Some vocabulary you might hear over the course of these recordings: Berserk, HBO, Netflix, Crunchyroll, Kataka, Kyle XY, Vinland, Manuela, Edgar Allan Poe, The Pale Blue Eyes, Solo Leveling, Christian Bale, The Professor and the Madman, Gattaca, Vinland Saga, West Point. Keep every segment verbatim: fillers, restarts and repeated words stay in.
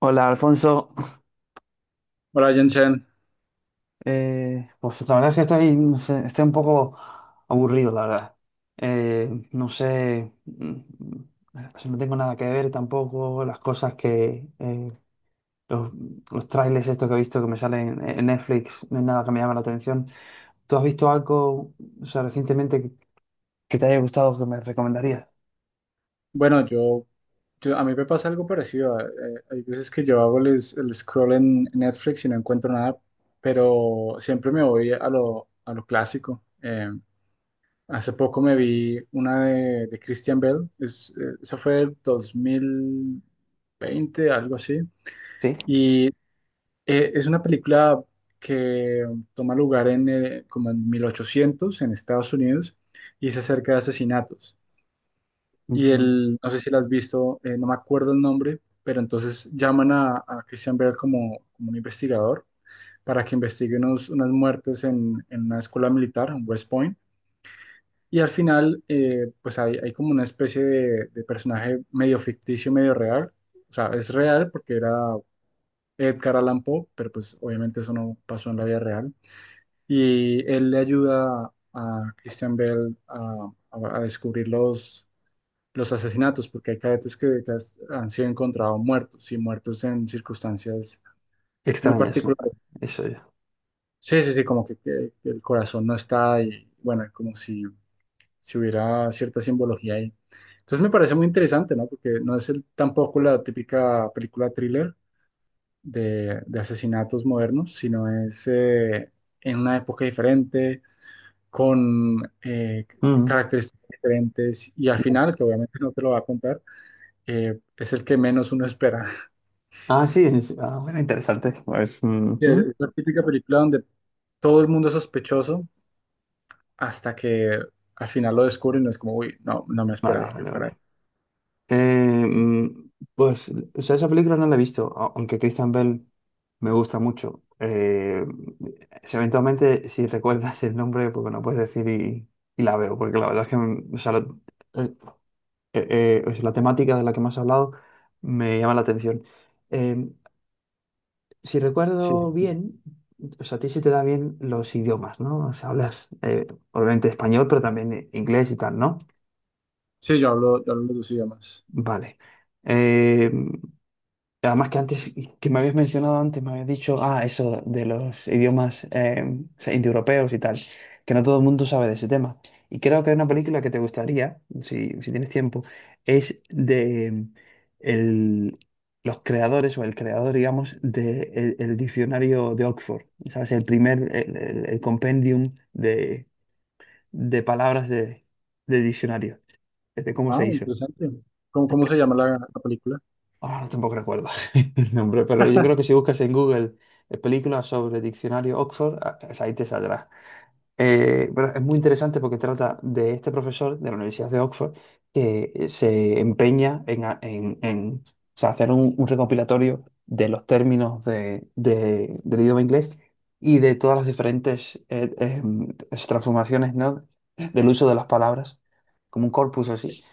Hola, Alfonso. Hola Jensen, Eh, pues la verdad es que estoy, no sé, estoy un poco aburrido, la verdad. Eh, no sé, mm, pues no tengo nada que ver tampoco. Las cosas que, eh, los, los trailers estos que he visto que me salen en Netflix, no es nada que me llame la atención. ¿Tú has visto algo, o sea, recientemente que, que te haya gustado que me recomendarías? bueno, yo, yo- a mí me pasa algo parecido. Eh, hay veces que yo hago el, es- el scroll en Netflix y no encuentro nada, pero siempre me voy a lo, a lo clásico. Eh, hace poco me vi una de, de Christian Bale. Es, eh, esa fue el dos mil veinte, algo así. Sí. Y eh, es una película que toma lugar en, eh, como en mil ochocientos en Estados Unidos y se acerca de asesinatos. Y Ujú. él, no sé si la has visto, eh, no me acuerdo el nombre, pero entonces llaman a, a Christian Bale como, como un investigador para que investigue unos- unas muertes en, en una escuela militar, en West Point. Y al final, eh, pues hay, hay como una especie de, de personaje medio ficticio, medio real. O sea, es real porque era Edgar Allan Poe, pero pues obviamente eso no pasó en la vida real. Y él le ayuda a Christian Bale a, a- a descubrir los, los asesinatos, porque hay cadetes que que has- han sido encontrados muertos y muertos en circunstancias muy Extrañas, ¿no? particulares. Eso ya. Sí, sí, sí, como que, que- que el corazón no está y bueno, como si, si hubiera cierta simbología ahí. Entonces me parece muy interesante, ¿no? Porque no es el, tampoco la típica película thriller de, de asesinatos modernos, sino es eh, en una época diferente, con eh, Mm. características diferentes y al final, que obviamente no te lo va a contar, eh, es el que menos uno espera. Ah, sí, es- ah, bueno, interesante. Pues, Sí, ujú. es la típica película donde todo el mundo es sospechoso hasta que al final lo descubren y no es como, uy, no, no me esperaba Vale, que vale, fuera vale. él. Eh, mm, pues, o sea, esa película no la he visto, a- aunque Christian Bell me gusta mucho. Eh, si eventualmente, si recuerdas el nombre, pues bueno, puedes decir y, y la veo, porque la verdad es que mm, o sea, lo- eh, eh, o sea, la temática de la que me has hablado me llama la atención. Eh, si Sí, recuerdo bien, o sea, a ti sí te da bien los idiomas, ¿no? O sea, hablas eh, obviamente español, pero también eh, inglés y tal, ¿no? sí, yo hablo, yo hablo los dos idiomas. Vale. Eh, Además que antes, que me habías mencionado antes, me habías dicho, ah, eso de los idiomas eh, o sea, indoeuropeos y tal, que no todo el mundo sabe de ese tema. Y creo que hay una película que te gustaría, si, si tienes tiempo, es de mm, el, los creadores o el creador, digamos, de el, el diccionario de Oxford, ¿sabes? El primer, el, el- el compendium de, de palabras de, de diccionario, de cómo se Ah, hizo. interesante. ¿Cómo, Cómo se llama la, la película? Ah, no tampoco recuerdo el nombre, pero yo creo que si buscas en Google eh, películas sobre diccionario Oxford, ah, esa ahí te saldrá. Eh, pero es muy interesante porque trata de este profesor de la Universidad de Oxford que eh, se empeña en, a- en- en, o sea, hacer un, un recopilatorio de los términos de- de- del idioma inglés y de todas las diferentes eh, em, transformaciones, ¿no? del uso de las palabras, como un corpus así,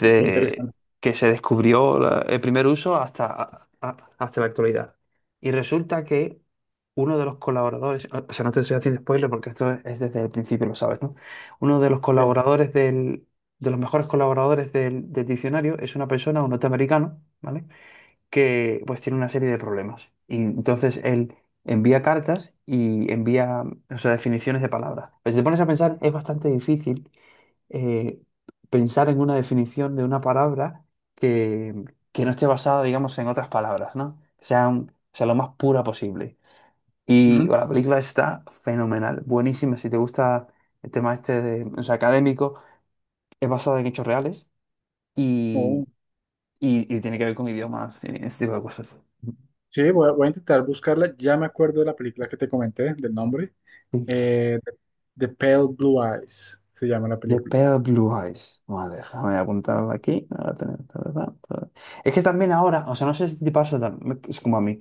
Qué Qué interesante. que se descubrió la- el primer uso hasta, a- a- hasta la actualidad. Y resulta que uno de los colaboradores, o sea, no te estoy haciendo spoiler porque esto es, desde el principio, lo sabes, ¿no? Uno de los Sí. colaboradores del, de los mejores colaboradores del, del diccionario es una persona, un norteamericano, ¿vale? Que pues tiene una serie de problemas. Y entonces él envía cartas y envía, o sea, definiciones de palabras. Pues si te pones a pensar, es bastante difícil eh, pensar en una definición de una palabra que, que no esté basada, digamos, en otras palabras, ¿no? Que sea, un- sea lo más pura posible. Y Ujú. bueno, la película está fenomenal, buenísima. Si te gusta el tema este de, o sea, académico, es basada en hechos reales y, Oh. y, y tiene que ver con idiomas y este tipo de cosas. Sí, voy a, voy a intentar buscarla. Ya me acuerdo de la película que te comenté, del nombre. Sí. Eh, The Pale Blue Eyes se llama la The película. Pale Blue Eyes. Vale, déjame apuntarla aquí. Ahora tenemos- Es que también ahora, o sea, no sé si te pasa, tam- es como a mí.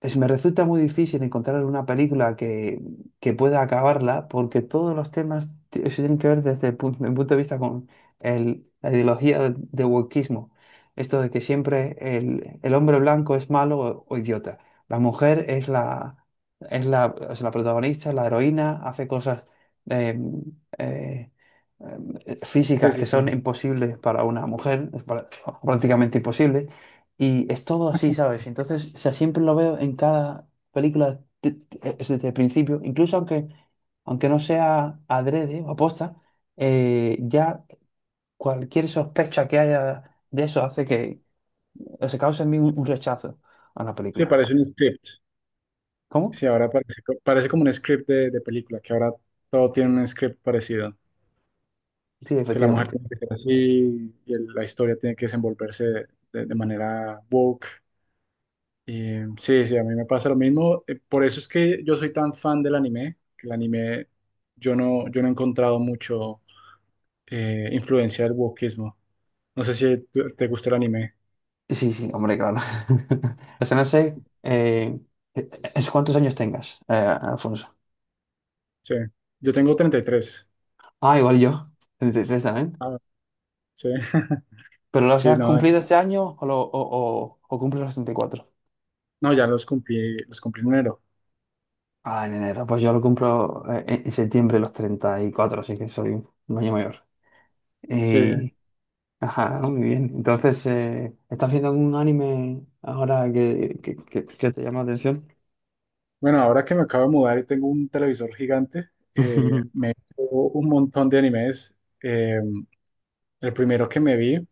Es, me resulta muy difícil encontrar una película que, que pueda acabarla porque todos los temas t- se tienen que ver desde el punto, mi punto de vista con el- la ideología de, de wokismo. Esto de que siempre el, el hombre blanco es malo o, o idiota. La mujer es la, es la, es la protagonista, la heroína, hace cosas eh, eh, eh, Sí, físicas sí, que sí. son imposibles para una mujer, es pra- prácticamente imposibles. Y es todo así, ¿sabes? Entonces, o sea, siempre lo veo en cada película de- de- es desde el principio, incluso aunque, aunque no sea adrede o aposta, eh, ya cualquier sospecha que haya de eso hace que se cause en mí un, un rechazo a la Sí, película. parece un script. ¿Cómo? Sí, ahora parece, co- parece como un script de, de película, que ahora todo tiene un script parecido, Sí, que la mujer efectivamente. tiene que ser así y el- la historia tiene que desenvolverse de, de manera woke. Y, sí, sí, a mí me pasa lo mismo. eh, Por eso es que yo soy tan fan del anime, que el anime yo no, yo no he encontrado mucho eh, influencia del wokeismo. No sé si te te gusta el anime. Sí, sí, hombre, claro. O sea, no sé eh, es cuántos años tengas, eh, Alfonso. Sí, yo tengo treinta y tres. Ah, igual yo, treinta y tres también. Ah, sí, ¿Pero los sí, has no, cumplido este año o, lo- o, o, o cumples los treinta y cuatro no, ya los cumplí, los cumplí en enero. Ah, en enero. Pues yo lo cumplo eh, en en septiembre los treinta y cuatro, así que soy un año mayor. Sí, sí. Y, ajá, ¿no? Muy bien. Entonces, eh, ¿estás viendo algún anime ahora que, que, que- que te llama la atención? Bueno, ahora que me acabo de mudar y tengo un televisor gigante, eh, me he visto un montón de animes. Eh, el primero que me vi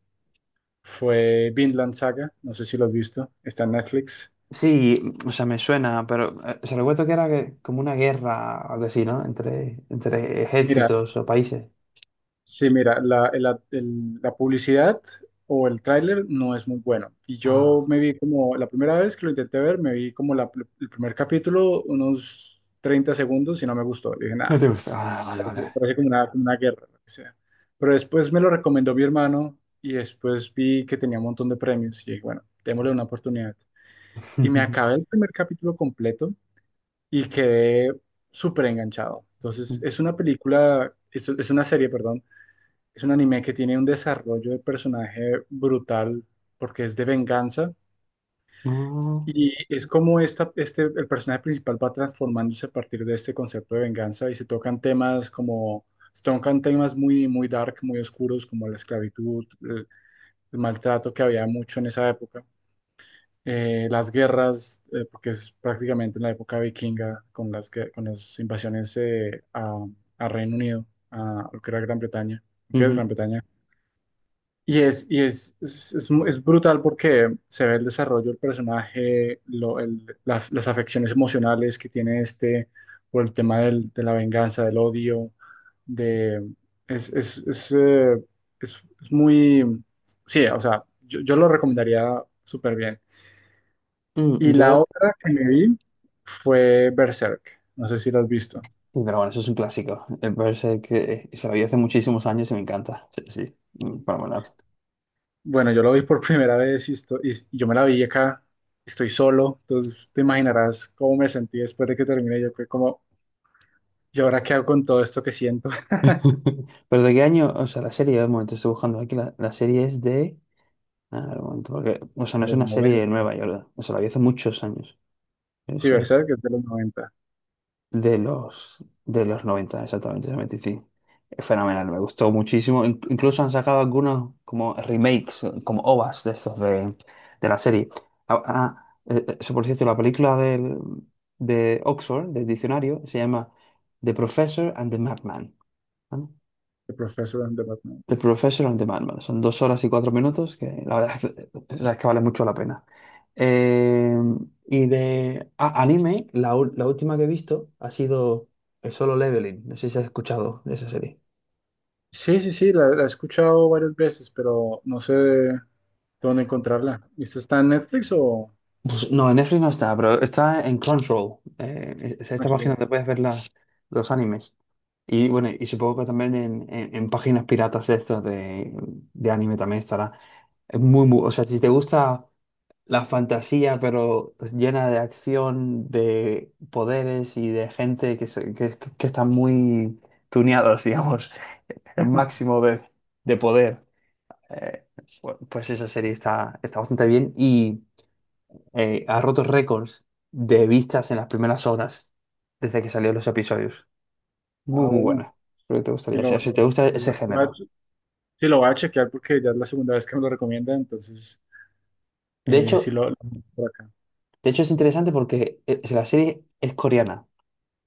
fue Vinland Saga, no sé si lo has visto, está en Netflix. Sí, o sea, me suena, pero eh, se recuerdo que era que- como una guerra, algo así, ¿no? Entre, entre Mira, ejércitos o países. sí, mira, la, la- el- la publicidad o el tráiler no es muy bueno. Y yo Ah, me vi como, la primera vez que lo intenté ver, me vi como la- el primer capítulo, unos treinta segundos y no me gustó. Dije, no nada, te gusta. Ah, vale, vale. parece como una, como una guerra, lo que sea. Pero después me lo recomendó mi hermano y después vi que tenía un montón de premios y dije, bueno, démosle una oportunidad. Y me acabé el primer capítulo completo y quedé súper enganchado. Entonces, es una película, es, es una serie, perdón, es un anime que tiene un desarrollo de personaje brutal porque es de venganza No. y es como esta, este, el personaje principal va transformándose a partir de este concepto de venganza y se tocan temas como, se tocan temas muy, muy dark, muy oscuros, como la esclavitud, el, el maltrato que había mucho en esa época, eh, las guerras, eh, porque es prácticamente en la época vikinga con las, que- con las invasiones eh, a, a Reino Unido, a lo que era Gran Bretaña, lo que es Gran Ujú. Bretaña. Y es, y es, es, es mu- es brutal porque se ve el desarrollo del personaje, lo- el- las, las afecciones emocionales que tiene este por el tema del- de la venganza, del odio, de... Es, es, es, eh, es- es muy... Sí, o sea, yo, yo lo recomendaría súper bien. Mm, Y la yo. otra que me vi fue Berserk. No sé si la has visto. Sí, pero bueno, eso es un clásico. Me parece que eh, se lo vi hace muchísimos años y me encanta. Sí, sí. Mm, para volar. Bueno, yo lo vi por primera vez y, esto- y- y yo me la vi acá, estoy solo, entonces te imaginarás cómo me sentí después de que terminé. Yo fue como, ¿y ahora qué hago con todo esto que siento? Pero de qué año, o sea, la serie, de momento, estoy buscando aquí, la, la serie es de... Ah, un momento, porque, o sea, no es De los una serie noventa, nueva, yo, la- o sea, la vi hace muchos años. sí, Berserk es de los noventa, De los, de los noventa exactamente, noventa y cinco. Es fenomenal, me gustó muchísimo. In- incluso han sacado algunos como remakes, eh, como O V As de estos de, de la serie. Ah, ah, eh, eh, eso, por cierto, la película del, de Oxford, del diccionario, se llama The Professor and the Madman. ¿Vale? de Professor and the Batman. The Professor and the Madman. Son dos horas y cuatro minutos que la verdad es que, la verdad es que vale mucho la pena. Eh, y de ah, anime, la, ul- la última que he visto ha sido el Solo Leveling. No sé si has escuchado de esa serie. Sí, sí, sí, la, la he escuchado varias veces, pero no sé dónde encontrarla. ¿Esta está en Netflix o...? Pues no, en Netflix no está, pero está en Crunchyroll. Eh, es esta página H B O? donde puedes ver las, los animes. Y bueno, y supongo que también en, en- en páginas piratas de estos de, de anime también estará. Es muy, muy, o sea, si te gusta. La fantasía, pero llena de acción, de poderes y de gente que, se- que, que están muy tuneados, digamos, el máximo de, de poder. Eh, pu- pues esa serie está, está bastante bien y eh, ha roto récords de vistas en las primeras horas desde que salieron los episodios. Muy, Ah, muy bueno, buena. Creo que te sí gustaría, o lo, sea, si te lo- gusta ese lo voy a, género. sí, lo voy a chequear porque ya es la segunda vez que me lo recomienda, entonces De eh, sí hecho, lo, lo- por acá. de hecho es interesante porque eh, si la serie es coreana.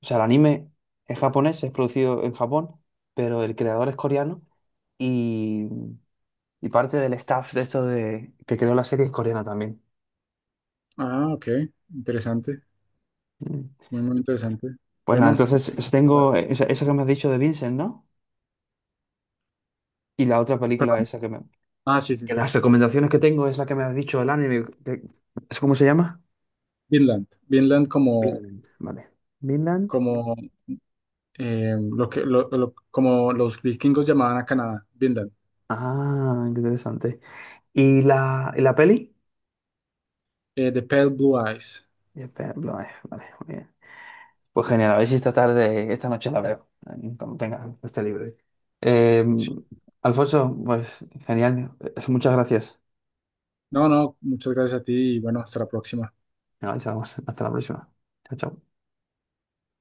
O sea, el anime es japonés, es producido en Japón, pero el creador es coreano y, y parte del staff de esto de, que creó la serie es coreana también. Ah, ok. Interesante. Mm. Muy, muy interesante. Pues nada, Bueno, entonces es- tengo esa, esa que me has dicho de Vincent, ¿no? Y la otra película perdón. esa que me... Ah, sí, sí, Que sí. las recomendaciones que tengo es la que me has dicho, el anime. que- ¿es cómo se llama? Vinland. Vinland como, Vinland. Vale. Vinland. como, eh, lo que, lo- lo- como los vikingos llamaban a Canadá. Vinland. Ah, qué interesante. ¿Y la, y la peli? Eh, The Pale Blue Eyes. Ya, espera, vale, vale, muy bien. Pues genial, a ver si esta tarde, esta noche la veo, eh, cuando tenga este libre. Eh, Sí. Alfonso, pues genial, eh, muchas gracias. No, no, muchas gracias a ti y bueno, hasta la próxima. Venga, chao, hasta la próxima. Chao, chao.